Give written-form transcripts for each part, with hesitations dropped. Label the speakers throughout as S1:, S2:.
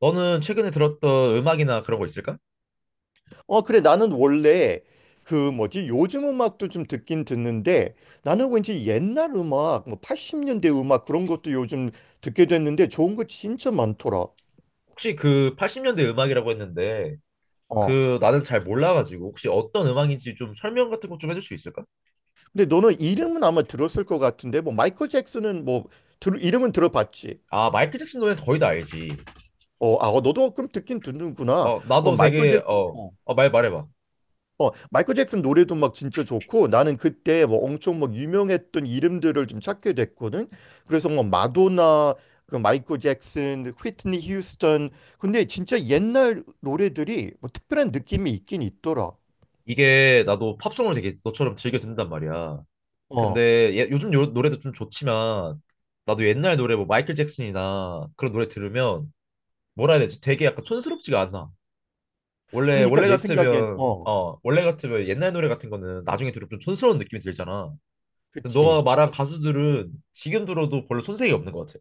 S1: 너는 최근에 들었던 음악이나 그런 거 있을까?
S2: 어, 그래. 나는 원래 그 뭐지? 요즘 음악도 좀 듣긴 듣는데 나는 왠지 옛날 음악, 뭐 80년대 음악 그런 것도 요즘 듣게 됐는데 좋은 거 진짜 많더라.
S1: 혹시 그 80년대 음악이라고 했는데
S2: 어.
S1: 그 나는 잘 몰라가지고 혹시 어떤 음악인지 좀 설명 같은 거 좀 해줄 수 있을까?
S2: 근데 너는 이름은 아마 들었을 것 같은데 뭐 마이클 잭슨은 뭐 이름은 들어봤지.
S1: 아, 마이클 잭슨 노래 거의 다 알지.
S2: 어, 아, 어, 너도 그럼 듣긴 듣는구나.
S1: 어,
S2: 어,
S1: 나도
S2: 마이클
S1: 되게
S2: 잭슨.
S1: 어,
S2: 어.
S1: 어, 말 말해봐.
S2: 어, 마이클 잭슨 노래도 막 진짜 좋고 나는 그때 뭐 엄청 막 유명했던 이름들을 좀 찾게 됐거든. 그래서 뭐 마도나, 그 마이클 잭슨, 휘트니 휴스턴. 근데 진짜 옛날 노래들이 뭐 특별한 느낌이 있긴 있더라.
S1: 이게 나도 팝송을 되게 너처럼 즐겨 듣는단 말이야.
S2: 어.
S1: 근데 예, 요즘 노래도 좀 좋지만 나도 옛날 노래 뭐 마이클 잭슨이나 그런 노래 들으면 뭐라 해야 되지? 되게 약간 촌스럽지가 않아. 원래
S2: 그러니까
S1: 원래
S2: 내 생각엔
S1: 같으면 어 원래 같으면 옛날 노래 같은 거는 나중에 들으면 좀 촌스러운 느낌이 들잖아. 근데
S2: 그치.
S1: 너가 말한 가수들은 지금 들어도 별로 손색이 없는 것 같아.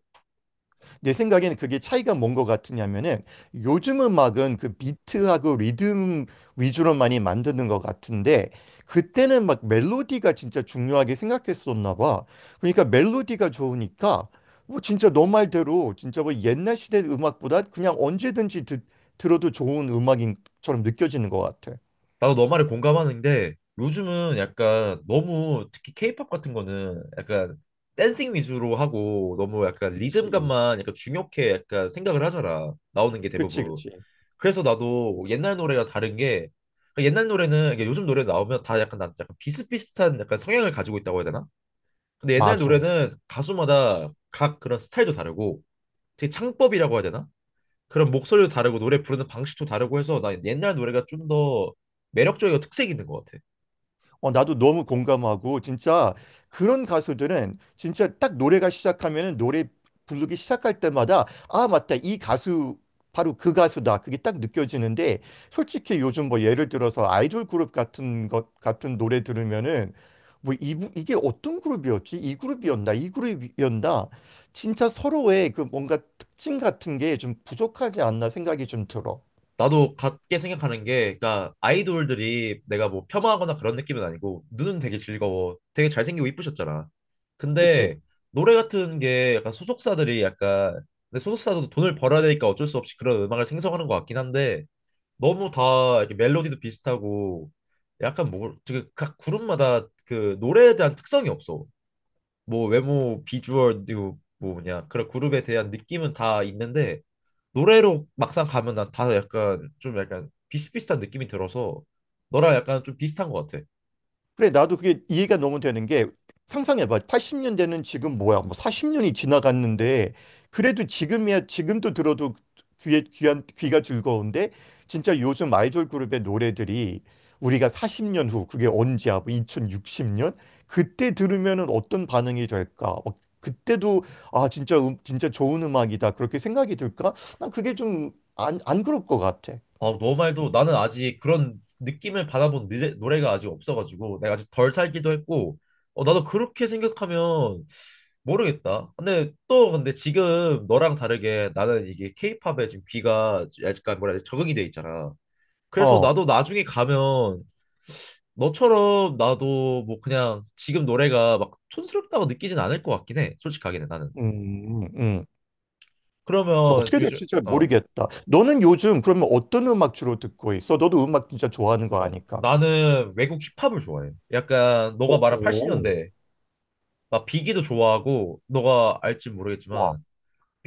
S2: 내 생각에는 그게 차이가 뭔 것 같으냐면은 요즘 음악은 그 비트하고 리듬 위주로 많이 만드는 것 같은데 그때는 막 멜로디가 진짜 중요하게 생각했었나 봐. 그러니까 멜로디가 좋으니까 뭐 진짜 너 말대로 진짜 뭐 옛날 시대 음악보다 그냥 언제든지 들어도 좋은 음악인처럼 느껴지는 것 같아.
S1: 나도 너 말에 공감하는데 요즘은 약간 너무 특히 케이팝 같은 거는 약간 댄싱 위주로 하고 너무 약간
S2: 그치.
S1: 리듬감만 약간 중요하게 약간 생각을 하잖아. 나오는 게
S2: 그치,
S1: 대부분.
S2: 그치.
S1: 그래서 나도 옛날 노래가 다른 게 그러니까 옛날 노래는 이게 요즘 노래 나오면 다 약간 난 약간 비슷비슷한 약간 성향을 가지고 있다고 해야 되나? 근데 옛날
S2: 맞아.
S1: 노래는 가수마다 각 그런 스타일도 다르고 되게 창법이라고 해야 되나? 그런 목소리도 다르고 노래 부르는 방식도 다르고 해서 나 옛날 노래가 좀 더 매력적이고 특색 있는 것 같아.
S2: 어, 나도 너무 공감하고 진짜 그런 가수들은 진짜 딱 노래가 시작하면은 노래 부르기 시작할 때마다 아, 맞다. 이 가수 바로 그 가수다. 그게 딱 느껴지는데 솔직히 요즘 뭐 예를 들어서 아이돌 그룹 같은 것 같은 노래 들으면은 뭐 이게 어떤 그룹이었지? 이 그룹이었나? 이 그룹이었나? 진짜 서로의 그 뭔가 특징 같은 게 좀 부족하지 않나 생각이 좀 들어.
S1: 나도 같게 생각하는 게 그러니까 아이돌들이 내가 뭐 폄하하거나 그런 느낌은 아니고 눈은 되게 즐거워. 되게 잘생기고 이쁘셨잖아.
S2: 그치?
S1: 근데 노래 같은 게 약간 소속사들이 약간 근데 소속사도 돈을 벌어야 되니까 어쩔 수 없이 그런 음악을 생성하는 것 같긴 한데 너무 다 이렇게 멜로디도 비슷하고 약간 뭐 되게 각 그룹마다 그 노래에 대한 특성이 없어. 뭐 외모, 비주얼, 뭐 뭐냐 그런 그룹에 대한 느낌은 다 있는데 노래로 막상 가면 난 다 약간 좀 약간 비슷비슷한 느낌이 들어서 너랑 약간 좀 비슷한 것 같아.
S2: 그래, 나도 그게 이해가 너무 되는 게 상상해봐. 80년대는 지금 뭐야? 뭐 40년이 지나갔는데 그래도 지금이야 지금도 들어도 귀에 귀한 귀가 즐거운데 진짜 요즘 아이돌 그룹의 노래들이 우리가 40년 후 그게 언제야? 뭐 2060년 그때 들으면은 어떤 반응이 될까? 막 그때도 아 진짜 진짜 좋은 음악이다 그렇게 생각이 들까? 난 그게 좀 안 그럴 것 같아.
S1: 아, 너 말도 나는 아직 그런 느낌을 받아본 노래가 아직 없어가지고 내가 아직 덜 살기도 했고 어, 나도 그렇게 생각하면 모르겠다. 근데 지금 너랑 다르게 나는 이게 케이팝에 지금 귀가 약간 뭐라 해야 돼 적응이 돼 있잖아. 그래서
S2: 어,
S1: 나도 나중에 가면 너처럼 나도 뭐 그냥 지금 노래가 막 촌스럽다고 느끼진 않을 것 같긴 해. 솔직하게는 나는.
S2: 음. 저
S1: 그러면
S2: 어떻게
S1: 요즘
S2: 될지 진짜
S1: 어.
S2: 모르겠다. 너는 요즘 그러면 어떤 음악 주로 듣고 있어? 너도 음악 진짜 좋아하는 거
S1: 어,
S2: 아니까.
S1: 나는 외국 힙합을 좋아해. 약간
S2: 어,
S1: 너가 말한
S2: 어.
S1: 80년대. 나 비기도 좋아하고 너가 알지
S2: 와,
S1: 모르겠지만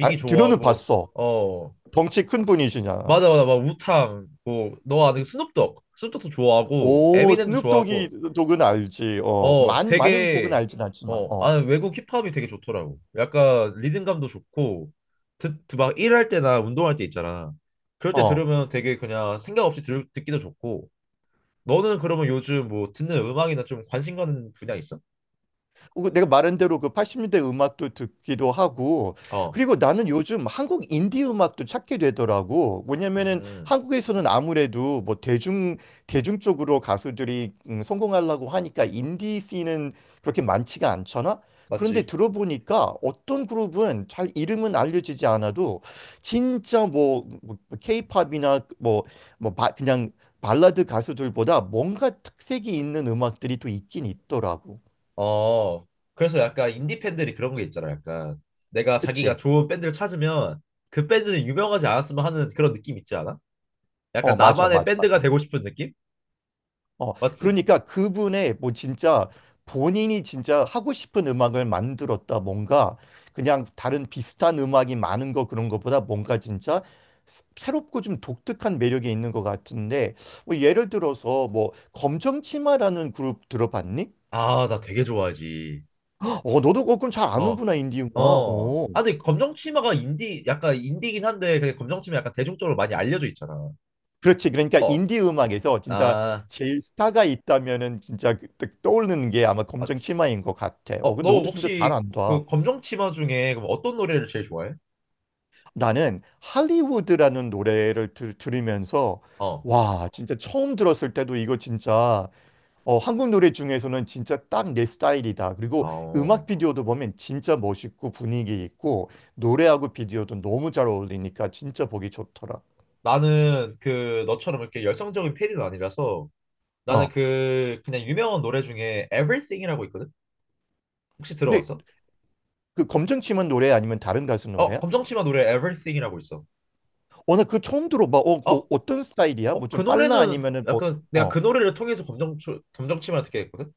S2: 아, 들어는
S1: 좋아하고
S2: 봤어.
S1: 어,
S2: 덩치 큰 분이시냐.
S1: 맞아, 맞아, 막 우창 뭐너 아는 스눕독도 좋아하고
S2: 오,
S1: 에미넴도 좋아하고
S2: 스눕독이 독은 알지. 어,
S1: 어,
S2: 많은 곡은
S1: 되게.
S2: 알진 않지만.
S1: 어,
S2: 어,
S1: 나는 외국 힙합이 되게 좋더라고. 약간 리듬감도 좋고 듣막 일할 때나 운동할 때 있잖아. 그럴 때
S2: 어.
S1: 들으면 되게 그냥 생각 없이 듣기도 좋고 너는 그러면 요즘 뭐 듣는 음악이나 좀 관심 가는 분야 있어?
S2: 그 내가 말한 대로 그 80년대 음악도 듣기도 하고
S1: 어,
S2: 그리고 나는 요즘 한국 인디 음악도 찾게 되더라고. 왜냐면은
S1: 음,
S2: 한국에서는 아무래도 뭐 대중 쪽으로 가수들이 성공하려고 하니까 인디 씬은 그렇게 많지가 않잖아. 그런데
S1: 맞지?
S2: 들어보니까 어떤 그룹은 잘 이름은 알려지지 않아도 진짜 뭐 케이팝이나 뭐 그냥 발라드 가수들보다 뭔가 특색이 있는 음악들이 또 있긴 있더라고.
S1: 어. 그래서 약간 인디 팬들이 그런 게 있잖아. 약간 내가 자기가
S2: 그치?
S1: 좋은 밴드를 찾으면 그 밴드는 유명하지 않았으면 하는 그런 느낌 있지 않아?
S2: 어,
S1: 약간
S2: 맞아,
S1: 나만의
S2: 맞아,
S1: 밴드가
S2: 맞아.
S1: 되고 싶은 느낌?
S2: 어,
S1: 맞지?
S2: 그러니까 그분의 뭐 진짜 본인이 진짜 하고 싶은 음악을 만들었다. 뭔가 그냥 다른 비슷한 음악이 많은 거 그런 것보다 뭔가 진짜 새롭고 좀 독특한 매력이 있는 것 같은데 뭐 예를 들어서 뭐 검정치마라는 그룹 들어봤니?
S1: 아, 나 되게 좋아하지.
S2: 어, 너도 그건 잘
S1: 어,
S2: 아는구나, 인디 음악.
S1: 어.
S2: 어.
S1: 아, 근데 검정치마가 인디, 약간 인디긴 한데 그냥 검정치마 약간 대중적으로 많이 알려져 있잖아.
S2: 그렇지. 그러니까
S1: 어,
S2: 인디 음악에서 진짜
S1: 아,
S2: 제일 스타가 있다면은 진짜 떠오르는 게 아마
S1: 맞지.
S2: 검정치마인 것 같아. 어,
S1: 어,
S2: 그
S1: 너
S2: 너도 진짜 잘
S1: 혹시
S2: 안다.
S1: 그 검정치마 중에 그럼 어떤 노래를 제일 좋아해?
S2: 나는 할리우드라는 노래를 들으면서
S1: 어,
S2: 와, 진짜 처음 들었을 때도 이거 진짜 한국 노래 중에서는 진짜 딱 내 스타일이다. 그리고
S1: 어.
S2: 음악 비디오도 보면 진짜 멋있고 분위기 있고 노래하고 비디오도 너무 잘 어울리니까 진짜 보기 좋더라.
S1: 나는 그 너처럼 이렇게 열성적인 팬은 아니라서 나는
S2: 어.
S1: 그 그냥 유명한 노래 중에 Everything이라고 있거든. 혹시
S2: 근데
S1: 들어봤어?
S2: 그 검정치마 노래 아니면 다른 가수
S1: 어,
S2: 노래야?
S1: 검정치마 노래 Everything이라고 있어.
S2: 어, 나 그거 처음 들어봐.
S1: 어,
S2: 어떤 스타일이야? 뭐
S1: 어, 그
S2: 좀 빨라
S1: 노래는
S2: 아니면은 뭐
S1: 약간 내가
S2: 어.
S1: 그 노래를 통해서 검정치마를 듣게 됐거든.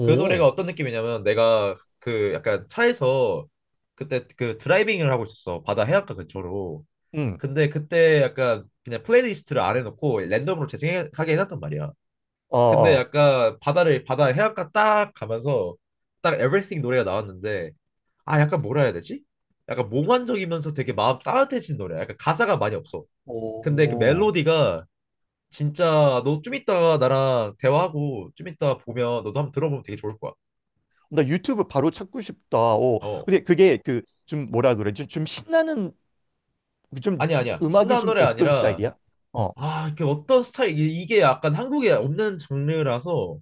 S1: 그 노래가 어떤 느낌이냐면 내가 그 약간 차에서 그때 그 드라이빙을 하고 있었어. 바다 해안가 근처로.
S2: 응.
S1: 근데 그때 약간 그냥 플레이리스트를 안 해놓고 랜덤으로 재생하게 해놨단 말이야.
S2: 어,
S1: 근데
S2: 어.
S1: 약간 바다 해안가 딱 가면서 딱 Everything 노래가 나왔는데 아, 약간 뭐라 해야 되지? 약간 몽환적이면서 되게 마음 따뜻해진 노래야. 약간 가사가 많이 없어. 근데 그
S2: 오.
S1: 멜로디가 진짜 너 좀 이따가 나랑 대화하고 좀 이따 보면 너도 한번 들어보면 되게 좋을 거야.
S2: 나 유튜브 바로 찾고 싶다. 어.
S1: 어,
S2: 근데 그게 그 좀 뭐라 그러지? 좀 신나는 좀
S1: 아니야, 아니야,
S2: 음악이
S1: 신나는
S2: 좀
S1: 노래
S2: 어떤
S1: 아니라
S2: 스타일이야? 어.
S1: 아, 이게 어떤 스타일 이게 약간 한국에 없는 장르라서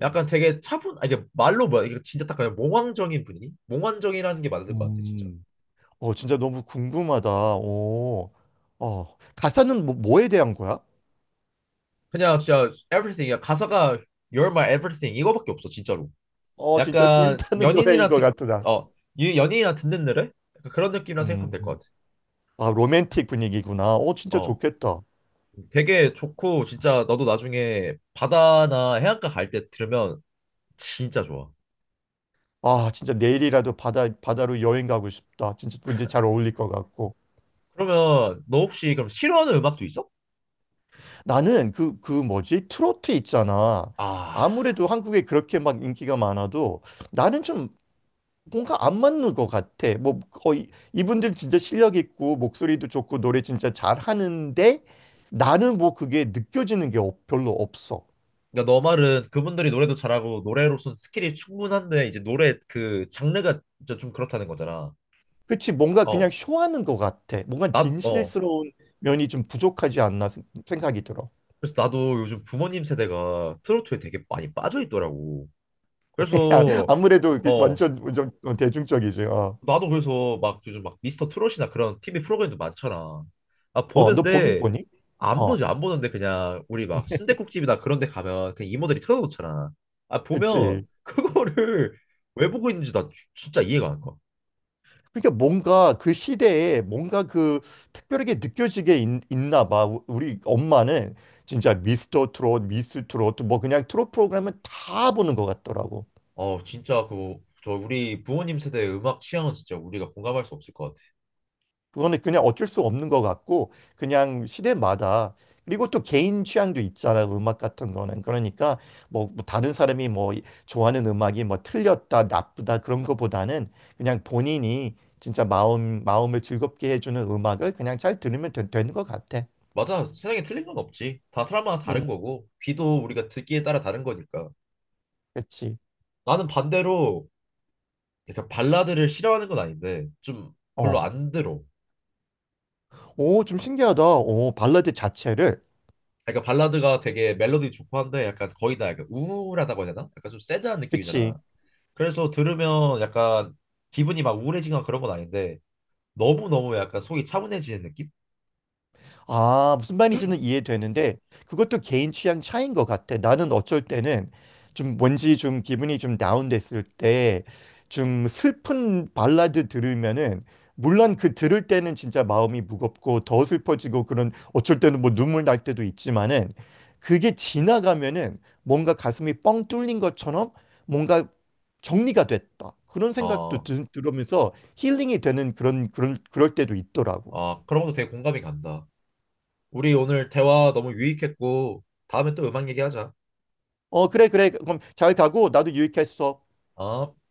S1: 약간 되게 차분, 아, 이게 말로 뭐야, 이게 진짜 딱 그냥 몽환적인 분위기? 몽환적이라는 게 맞을 것 같아 진짜.
S2: 음. 어, 진짜 너무 궁금하다. 어. 어. 가사는 뭐에 대한 거야?
S1: 그냥 진짜 e v e r y t h i n g 야 가사가 You're my everything 이거밖에 없어 진짜로.
S2: 어, 진짜
S1: 약간
S2: 스윗하는 노래인
S1: 연인이랑
S2: 것 같다.
S1: 듣어 연인이랑 듣는 노래 약간 그런 느낌이라 생각하면 될 것
S2: 음.
S1: 같아.
S2: 아, 로맨틱 분위기구나. 어, 진짜
S1: 어,
S2: 좋겠다.
S1: 되게 좋고 진짜 너도 나중에 바다나 해안가 갈 때 들으면 진짜 좋아.
S2: 아, 진짜 내일이라도 바다로 여행 가고 싶다. 진짜 왠지 잘 어울릴 것 같고.
S1: 그러면 너 혹시 그럼 싫어하는 음악도 있어?
S2: 나는 그 뭐지? 트로트 있잖아.
S1: 아,
S2: 아무래도 한국에 그렇게 막 인기가 많아도 나는 좀 뭔가 안 맞는 것 같아. 뭐 거의 이분들 진짜 실력 있고 목소리도 좋고 노래 진짜 잘하는데 나는 뭐 그게 느껴지는 게 별로 없어.
S1: 그러니까 너 말은 그분들이 노래도 잘하고 노래로서 스킬이 충분한데 이제 노래 그 장르가 진짜 좀 그렇다는 거잖아.
S2: 그치? 뭔가 그냥
S1: 어,
S2: 쇼하는 것 같아. 뭔가
S1: 나, 어,
S2: 진실스러운 면이 좀 부족하지 않나 생각이 들어.
S1: 그래서 나도 요즘 부모님 세대가 트로트에 되게 많이 빠져 있더라고.
S2: 아,
S1: 그래서
S2: 아무래도 이게
S1: 어,
S2: 완전, 완전 대중적이지.
S1: 나도 그래서 막 요즘 막 미스터 트롯이나 그런 TV 프로그램도 많잖아. 아,
S2: 너 보긴
S1: 보는데
S2: 보니?
S1: 안
S2: 어,
S1: 보지, 안 보는데 그냥 우리 막 순댓국집이나 그런 데 가면 그냥 이모들이 틀어놓잖아. 아, 보면
S2: 그치.
S1: 그거를 왜 보고 있는지 나 진짜 이해가 안 가.
S2: 그러니까 뭔가 그 시대에 뭔가 그 특별하게 느껴지게 나 봐. 우리 엄마는 진짜 미스터 트롯, 미스 트롯 뭐 그냥 트롯 프로그램은 다 보는 것 같더라고.
S1: 어, 진짜, 그 저 우리 부모님 세대의 음악 취향은 진짜 우리가 공감할 수 없을 것 같아.
S2: 그거는 그냥 어쩔 수 없는 것 같고 그냥 시대마다 그리고 또 개인 취향도 있잖아. 음악 같은 거는 그러니까 뭐뭐 다른 사람이 뭐 좋아하는 음악이 뭐 틀렸다 나쁘다 그런 거보다는 그냥 본인이 진짜 마음을 즐겁게 해주는 음악을 그냥 잘 들으면 되는 것 같아.
S1: 맞아. 세상에 틀린 건 없지. 다 사람마다
S2: 음.
S1: 다른 거고 귀도 우리가 듣기에 따라 다른 거니까.
S2: 그렇지.
S1: 나는 반대로 약간 발라드를 싫어하는 건 아닌데 좀 별로
S2: 어.
S1: 안 들어.
S2: 오, 좀 신기하다. 오, 발라드 자체를.
S1: 그러니까 발라드가 되게 멜로디 좋고 한데 약간 거의 다 약간 우울하다고 해야 되나? 약간 좀 새드한 느낌이잖아.
S2: 그치.
S1: 그래서 들으면 약간 기분이 막 우울해지거나 그런 건 아닌데 너무너무 약간 속이 차분해지는 느낌?
S2: 아, 무슨 말인지는 이해되는데 그것도 개인 취향 차이인 것 같아. 나는 어쩔 때는 좀 뭔지 좀 기분이 좀 다운됐을 때 좀 슬픈 발라드 들으면은 물론 그 들을 때는 진짜 마음이 무겁고 더 슬퍼지고 그런 어쩔 때는 뭐 눈물 날 때도 있지만은 그게 지나가면은 뭔가 가슴이 뻥 뚫린 것처럼 뭔가 정리가 됐다. 그런 생각도
S1: 아,
S2: 들으면서 힐링이 되는 그런 그럴 때도 있더라고.
S1: 아, 그런 것도 되게 공감이 간다. 우리 오늘 대화 너무 유익했고 다음에 또 음악 얘기하자.
S2: 어, 그래, 그래. 그럼 잘 가고 나도 유익했어.
S1: 아.